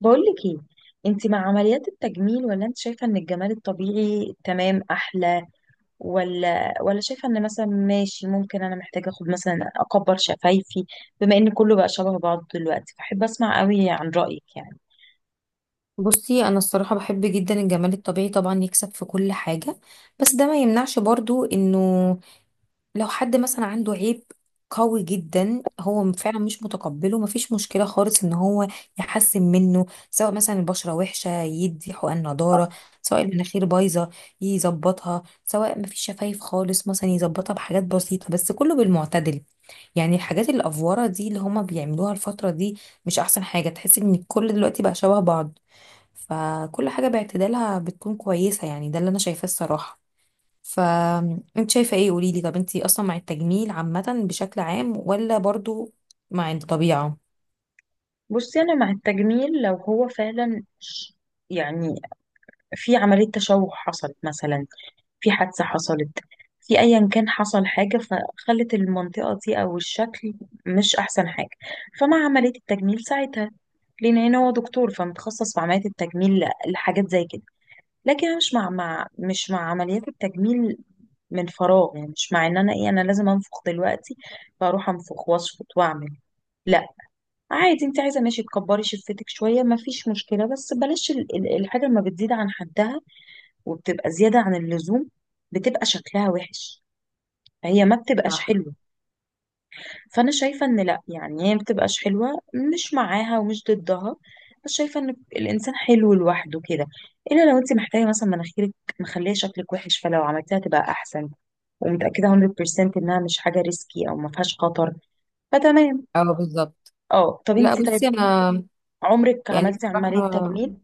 بقولك ايه؟ انت مع عمليات التجميل ولا انت شايفة ان الجمال الطبيعي تمام احلى؟ ولا شايفة ان مثلا ماشي ممكن انا محتاجة اخد مثلا اكبر شفايفي؟ بما ان كله بقى شبه بعض دلوقتي، فاحب اسمع قوي عن رأيك يعني. بصي، انا الصراحه بحب جدا الجمال الطبيعي، طبعا يكسب في كل حاجه. بس ده ما يمنعش برضو انه لو حد مثلا عنده عيب قوي جدا هو فعلا مش متقبله، مفيش مشكله خالص ان هو يحسن منه. سواء مثلا البشره وحشه يدي حقن نضاره، سواء المناخير بايظه يظبطها، سواء مفيش شفايف خالص مثلا يظبطها بحاجات بسيطه، بس كله بالمعتدل. يعني الحاجات الافوره دي اللي هما بيعملوها الفتره دي مش احسن حاجه، تحس ان الكل دلوقتي بقى شبه بعض. فكل حاجة باعتدالها بتكون كويسة، يعني ده اللي أنا شايفاه الصراحة. فأنت شايفة إيه؟ قوليلي، طب أنت أصلا مع التجميل عامة بشكل عام ولا برضو مع الطبيعة؟ بصي، انا مع التجميل لو هو فعلا يعني في عملية تشوه حصلت، مثلا في حادثة حصلت، في ايا كان حصل حاجة فخلت المنطقة دي او الشكل مش احسن حاجة، فمع عملية التجميل ساعتها. لان هنا هو دكتور فمتخصص في عمليات التجميل لحاجات زي كده. لكن انا مش مع, مع مش مع عمليات التجميل من فراغ، يعني مش مع ان انا ايه، انا لازم انفخ دلوقتي فاروح انفخ واشفط واعمل، لا. عادي، انت عايزه ماشي تكبري شفتك شويه ما فيش مشكله، بس بلاش الحاجه لما بتزيد عن حدها وبتبقى زياده عن اللزوم، بتبقى شكلها وحش، هي ما بتبقاش صح. حلوه. فانا شايفه ان لا، يعني هي ما بتبقاش حلوه. مش معاها ومش ضدها، بس شايفه ان الانسان حلو لوحده كده. الا لو انت محتاجه مثلا مناخيرك مخليه شكلك وحش، فلو عملتها تبقى احسن ومتاكده 100% انها مش حاجه ريسكي او ما فيهاش خطر، فتمام. اه، بالظبط. اه، طب لا انت بصي، طيب، انا عمرك يعني عملتي عمليه بصراحه تجميل؟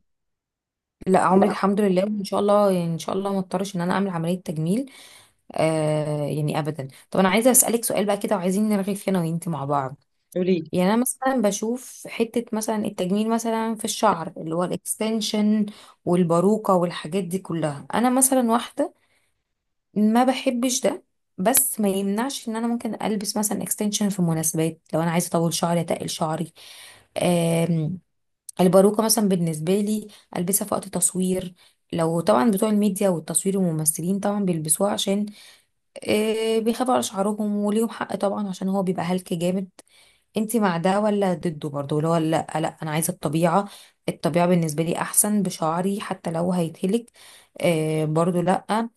لا، عمري لا. الحمد لله ان شاء الله، يعني ان شاء الله ما اضطرش ان انا اعمل عمليه تجميل. آه، يعني ابدا. طب انا عايزه اسالك سؤال بقى كده، وعايزين نرغي فيه انا وانت مع بعض. قولي. يعني انا مثلا بشوف حتة مثلا التجميل مثلا في الشعر اللي هو الاكستنشن والباروكة والحاجات دي كلها، انا مثلا واحدة ما بحبش ده. بس ما يمنعش ان انا ممكن البس مثلا اكستنشن في مناسبات لو انا عايزة اطول شعري، اتقل شعري. آم، الباروكة مثلا بالنسبة لي البسها في وقت تصوير، لو طبعا بتوع الميديا والتصوير والممثلين طبعا بيلبسوها عشان بيخافوا على شعرهم، وليهم حق طبعا عشان هو بيبقى هلك جامد. انت مع ده ولا ضده برضه؟ اللي هو لا لا، انا عايزه الطبيعه. الطبيعه بالنسبه لي احسن بشعري حتى لو هيتهلك. آه، برضه لا.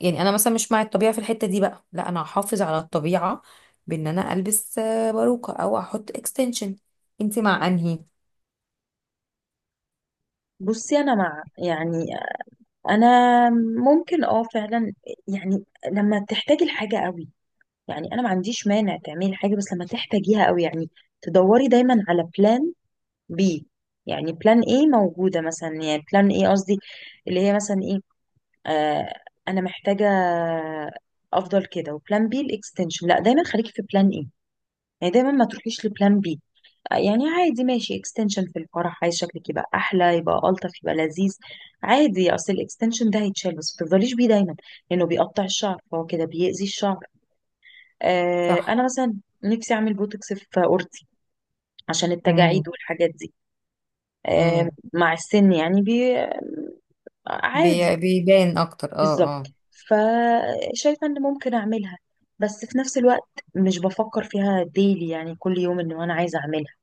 يعني انا مثلا مش مع الطبيعه في الحته دي، بقى لا انا هحافظ على الطبيعه بان انا البس باروكه او احط اكستنشن. انت مع انهي؟ بصي، انا مع، يعني انا ممكن اه فعلا، يعني لما تحتاجي الحاجه قوي. يعني انا ما عنديش مانع تعملي حاجه بس لما تحتاجيها قوي. يعني تدوري دايما على بلان بي. يعني بلان ايه موجوده مثلا، يعني بلان ايه قصدي، اللي هي مثلا ايه. آه، انا محتاجه افضل كده، وبلان بي الاكستنشن، لا، دايما خليكي في بلان ايه. يعني دايما ما تروحيش لبلان بي. يعني عادي ماشي اكستنشن في الفرح، عايز شكلك يبقى احلى يبقى الطف يبقى لذيذ، عادي، اصل الاكستنشن ده هيتشال، بس ما تفضليش بيه دايما لانه بيقطع الشعر، فهو كده بيأذي الشعر. صح. انا مثلا نفسي اعمل بوتوكس في اورتي عشان التجاعيد امم. والحاجات دي. آه، امم. مع السن يعني بي آه، عادي. بيبان اكتر، اه اه. بالظبط، فشايفه ان ممكن اعملها، بس في نفس الوقت مش بفكر فيها ديلي، يعني كل يوم ان انا عايزه اعملها،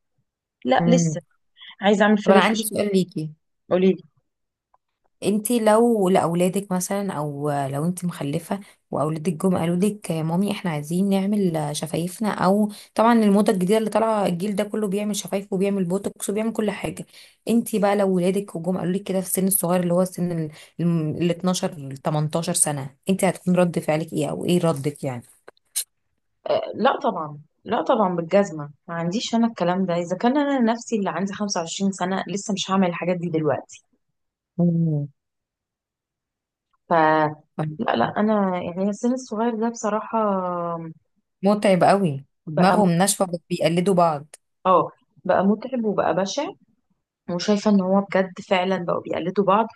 لا امم. لسه. عايزه اعمل طب فيلر انا في. عندي سؤال ليكي. قولي لي. انتي لو لاولادك مثلا، او لو انتي مخلفه واولادك جم قالوا لك: يا مامي، احنا عايزين نعمل شفايفنا، او طبعا الموضه الجديده اللي طالعه الجيل ده كله بيعمل شفايف وبيعمل بوتوكس وبيعمل كل حاجه. انتي بقى لو ولادك وجم قالوا لك كده في السن الصغير، اللي هو السن 12 ل 18 سنه، انتي هتكون رد فعلك ايه او ايه ردك يعني؟ لا طبعا، لا طبعا بالجزمة، ما عنديش أنا الكلام ده. إذا كان أنا نفسي اللي عندي 25 سنة لسه مش هعمل الحاجات دي دلوقتي. مم. ف لا لا، انا يعني السن الصغير ده بصراحه متعب قوي، بقى م- دماغهم ناشفه بس بيقلدوا بعض. اه، بقى متعب وبقى بشع. وشايفه ان هو بجد فعلا بقوا بيقلدوا بعض.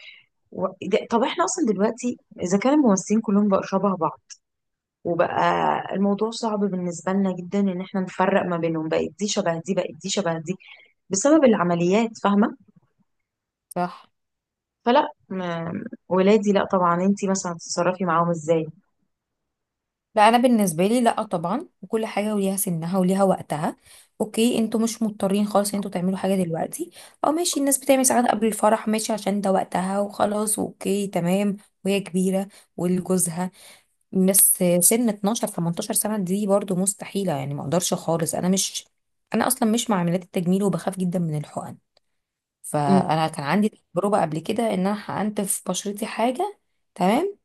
طب احنا اصلا دلوقتي، اذا كان الممثلين كلهم بقوا شبه بعض، وبقى الموضوع صعب بالنسبه لنا جدا ان احنا نفرق ما بينهم، بقت دي شبه دي بقت دي شبه دي بسبب العمليات، فاهمه؟ صح. فلا ما... ولادي لا طبعا. انتي مثلا تتصرفي معاهم ازاي؟ لا، انا بالنسبه لي لا طبعا، وكل حاجه وليها سنها وليها وقتها. اوكي، انتوا مش مضطرين خالص ان انتوا تعملوا حاجه دلوقتي، او ماشي الناس بتعمل ساعات قبل الفرح، ماشي عشان ده وقتها وخلاص، اوكي تمام، وهي كبيره ولجوزها. الناس سن 12 18 سنه دي برضو مستحيله، يعني ما اقدرش خالص. انا اصلا مش مع عمليات التجميل، وبخاف جدا من الحقن. مم، فانا كان عندي تجربه قبل كده ان انا حقنت في بشرتي حاجه. تمام.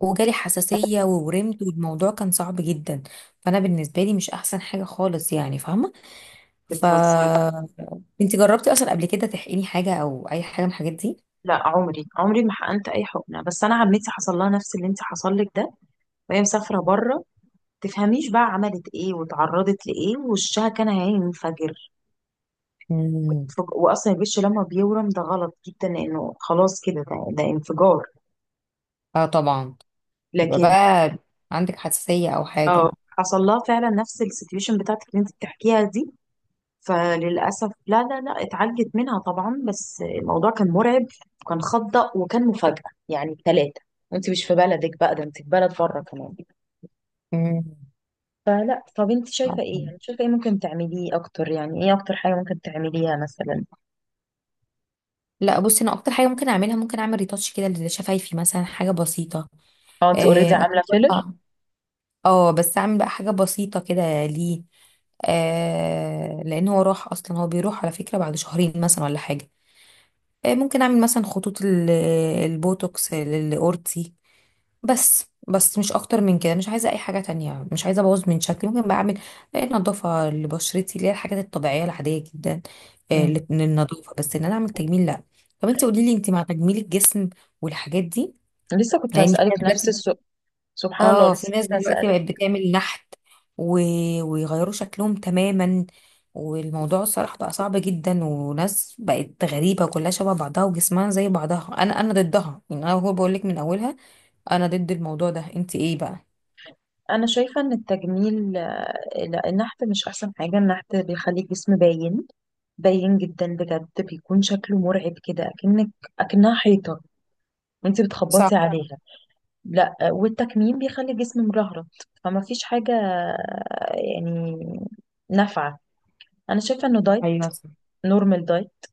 وجالي حساسية وورمت، والموضوع كان صعب جدا. فأنا بالنسبة لي مش أحسن حاجة خالص، يعني فاهمة؟ ف بتهزري؟ انت جربتي أصلا قبل كده تحقني حاجة أو أي حاجة من الحاجات دي؟ لا، عمري عمري ما حقنت اي حقنه. بس انا عمتي حصل لها نفس اللي انت حصل لك ده، وهي مسافره بره. تفهميش بقى عملت ايه واتعرضت لايه، ووشها كان هينفجر. مم. واصلا الوش لما بيورم ده غلط جدا، لانه خلاص كده، ده انفجار. اه، طبعا. يبقى لكن بقى عندك حساسية أو اه، حاجة؟ حصل لها فعلا نفس السيتويشن بتاعتك اللي انت بتحكيها دي. فللاسف لا لا لا، اتعالجت منها طبعا، بس الموضوع كان مرعب وكان خضق وكان مفاجاه، يعني ثلاثه. وانت مش في بلدك، بقى ده انت في بلد بره كمان. مم. فلا، طب انت شايفة ايه؟ يعني شايفة ايه ممكن تعمليه اكتر؟ يعني ايه اكتر حاجة ممكن تعمليها مثلا؟ لا بصي، أنا أكتر حاجة ممكن أعملها، ممكن أعمل ريتاتش كده لشفايفي مثلا، حاجة بسيطة. اه، انت اوريدي عاملة فيلر. آه. اه، بس اعمل بقى حاجة بسيطة كده، ليه؟ آه، لان هو راح اصلا، هو بيروح على فكرة بعد شهرين مثلا ولا حاجة. آه، ممكن اعمل مثلا خطوط البوتوكس للاورتي. بس مش اكتر من كده، مش عايزة اي حاجة تانية، مش عايزة ابوظ من شكلي. ممكن بقى اعمل نظافة لبشرتي، اللي هي الحاجات الطبيعية العادية جدا، مم. للنظافة. بس ان انا اعمل تجميل، لا. طب انت قولي لي، انت مع تجميل الجسم والحاجات دي؟ لسه كنت يعني في هسألك ناس، نفس السؤال. سبحان الله، لسه كنت دلوقتي هسألك. بقت بتعمل نحت و... ويغيروا شكلهم تماما، والموضوع الصراحة بقى صعب جدا، وناس بقت غريبة كلها شبه بعضها وجسمها زي بعضها. انا ضدها، يعني انا هو بقول لك من اولها، انا ضد الموضوع ده. انت ايه بقى؟ انا شايفة ان التجميل آه، لا، النحت مش احسن حاجة. النحت بيخلي الجسم باين، باين جدا بجد، بيكون شكله مرعب كده، اكنك اكنها حيطة وانت بتخبطي صح. عليها. لا آه، والتكميم بيخلي الجسم مرهرة. فما فيش حاجة آه، يعني نافعة. انا شايفة انه دايت، ايوه صح. نورمال دايت،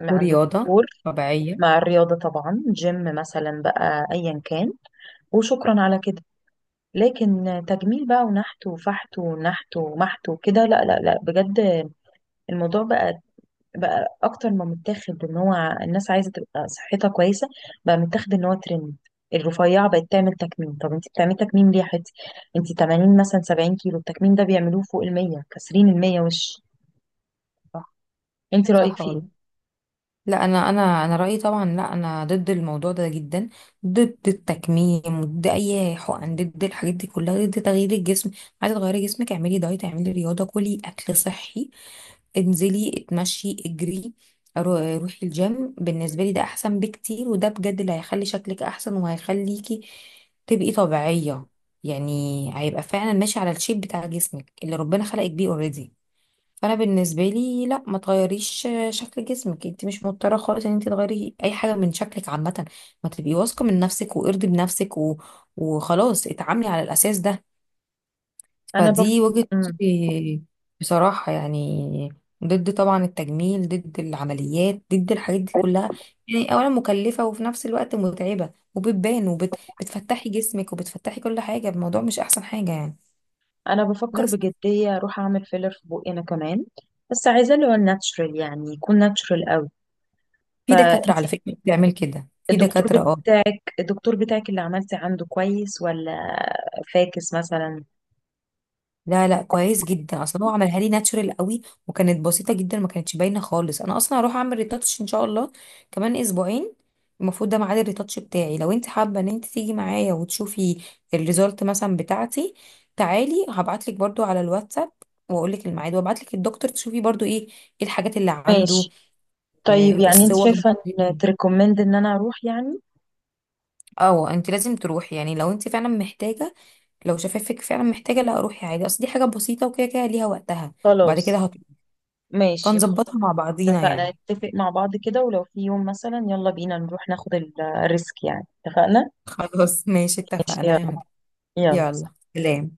من عند ورياضة دكتور، طبيعية. مع الرياضة طبعا، جيم مثلا بقى أيا كان، وشكرا على كده. لكن تجميل بقى ونحت وفحت ونحت ومحت وكده، لا لا لا بجد. الموضوع بقى، بقى أكتر ما متاخد إن هو الناس عايزة تبقى صحتها كويسة، بقى متاخد إن هو ترند. الرفيعة بقت تعمل تكميم، طب انت بتعملي تكميم ليه يا حتي؟ انت 80 مثلا، 70 كيلو، التكميم ده بيعملوه فوق ال 100، كاسرين ال 100 وش. صح، انت رأيك صح فيه؟ والله. لا، انا رايي طبعا لا، انا ضد الموضوع ده جدا، ضد التكميم، ضد اي حقن، ضد الحاجات دي كلها، ضد تغيير الجسم. عايزه تغيري جسمك؟ اعملي دايت، اعملي رياضه، كلي اكل صحي، انزلي اتمشي اجري. روحي الجيم. بالنسبه لي ده احسن بكتير، وده بجد اللي هيخلي شكلك احسن وهيخليكي تبقي طبيعيه. يعني هيبقى فعلا ماشي على الشيب بتاع جسمك اللي ربنا خلقك بيه اوريدي. فانا بالنسبه لي لا، ما تغيريش شكل جسمك، انت مش مضطره خالص ان انت تغيري اي حاجه من شكلك عامه. ما تبقي واثقه من نفسك وارضي بنفسك، وخلاص اتعاملي على الاساس ده. انا بف، فدي وجهه مم. نظري بصراحه يعني، ضد طبعا التجميل، ضد العمليات، ضد الحاجات دي كلها. يعني اولا مكلفه، وفي نفس الوقت متعبه، وبتبان وبتفتحي جسمك وبتفتحي كل حاجه. الموضوع مش احسن حاجه يعني. انا بفكر بس بجديه اروح اعمل فيلر في بقي انا كمان، بس عايزاه اللي هو الناتشرال، يعني يكون ناتشرال قوي. في دكاتره فانت، على فكره بتعمل كده، في الدكتور دكاتره بت... آه. الدكتور بتاعك اللي عملتي عنده كويس ولا فاكس مثلا؟ لا لا، كويس جدا، اصلا هو عملها لي ناتشورال قوي، وكانت بسيطه جدا ما كانتش باينه خالص. انا اصلا هروح اعمل ريتاتش ان شاء الله كمان اسبوعين. المفروض ده ميعاد الريتاتش بتاعي، لو انت حابه ان انت تيجي معايا وتشوفي الريزلت مثلا بتاعتي. تعالي، هبعت لك برده على الواتساب واقول لك الميعاد، وابعت لك الدكتور تشوفي برضو ايه الحاجات اللي عنده. ماشي. طيب، آه، يعني انت الصور. شايفه ان تريكومند ان انا اروح يعني؟ اه، انت لازم تروحي يعني لو انت فعلا محتاجه، لو شفافك فعلا محتاجه، لا روحي عادي، اصل دي حاجه بسيطه وكده كده ليها وقتها، وبعد خلاص، كده ماشي. خلاص فنظبطها مع بعضينا اتفقنا، يعني. نتفق مع بعض كده، ولو في يوم مثلا يلا بينا نروح ناخد الريسك، يعني اتفقنا. خلاص، ماشي، ماشي، يلا، اتفقنا. يلا. يلا سلام.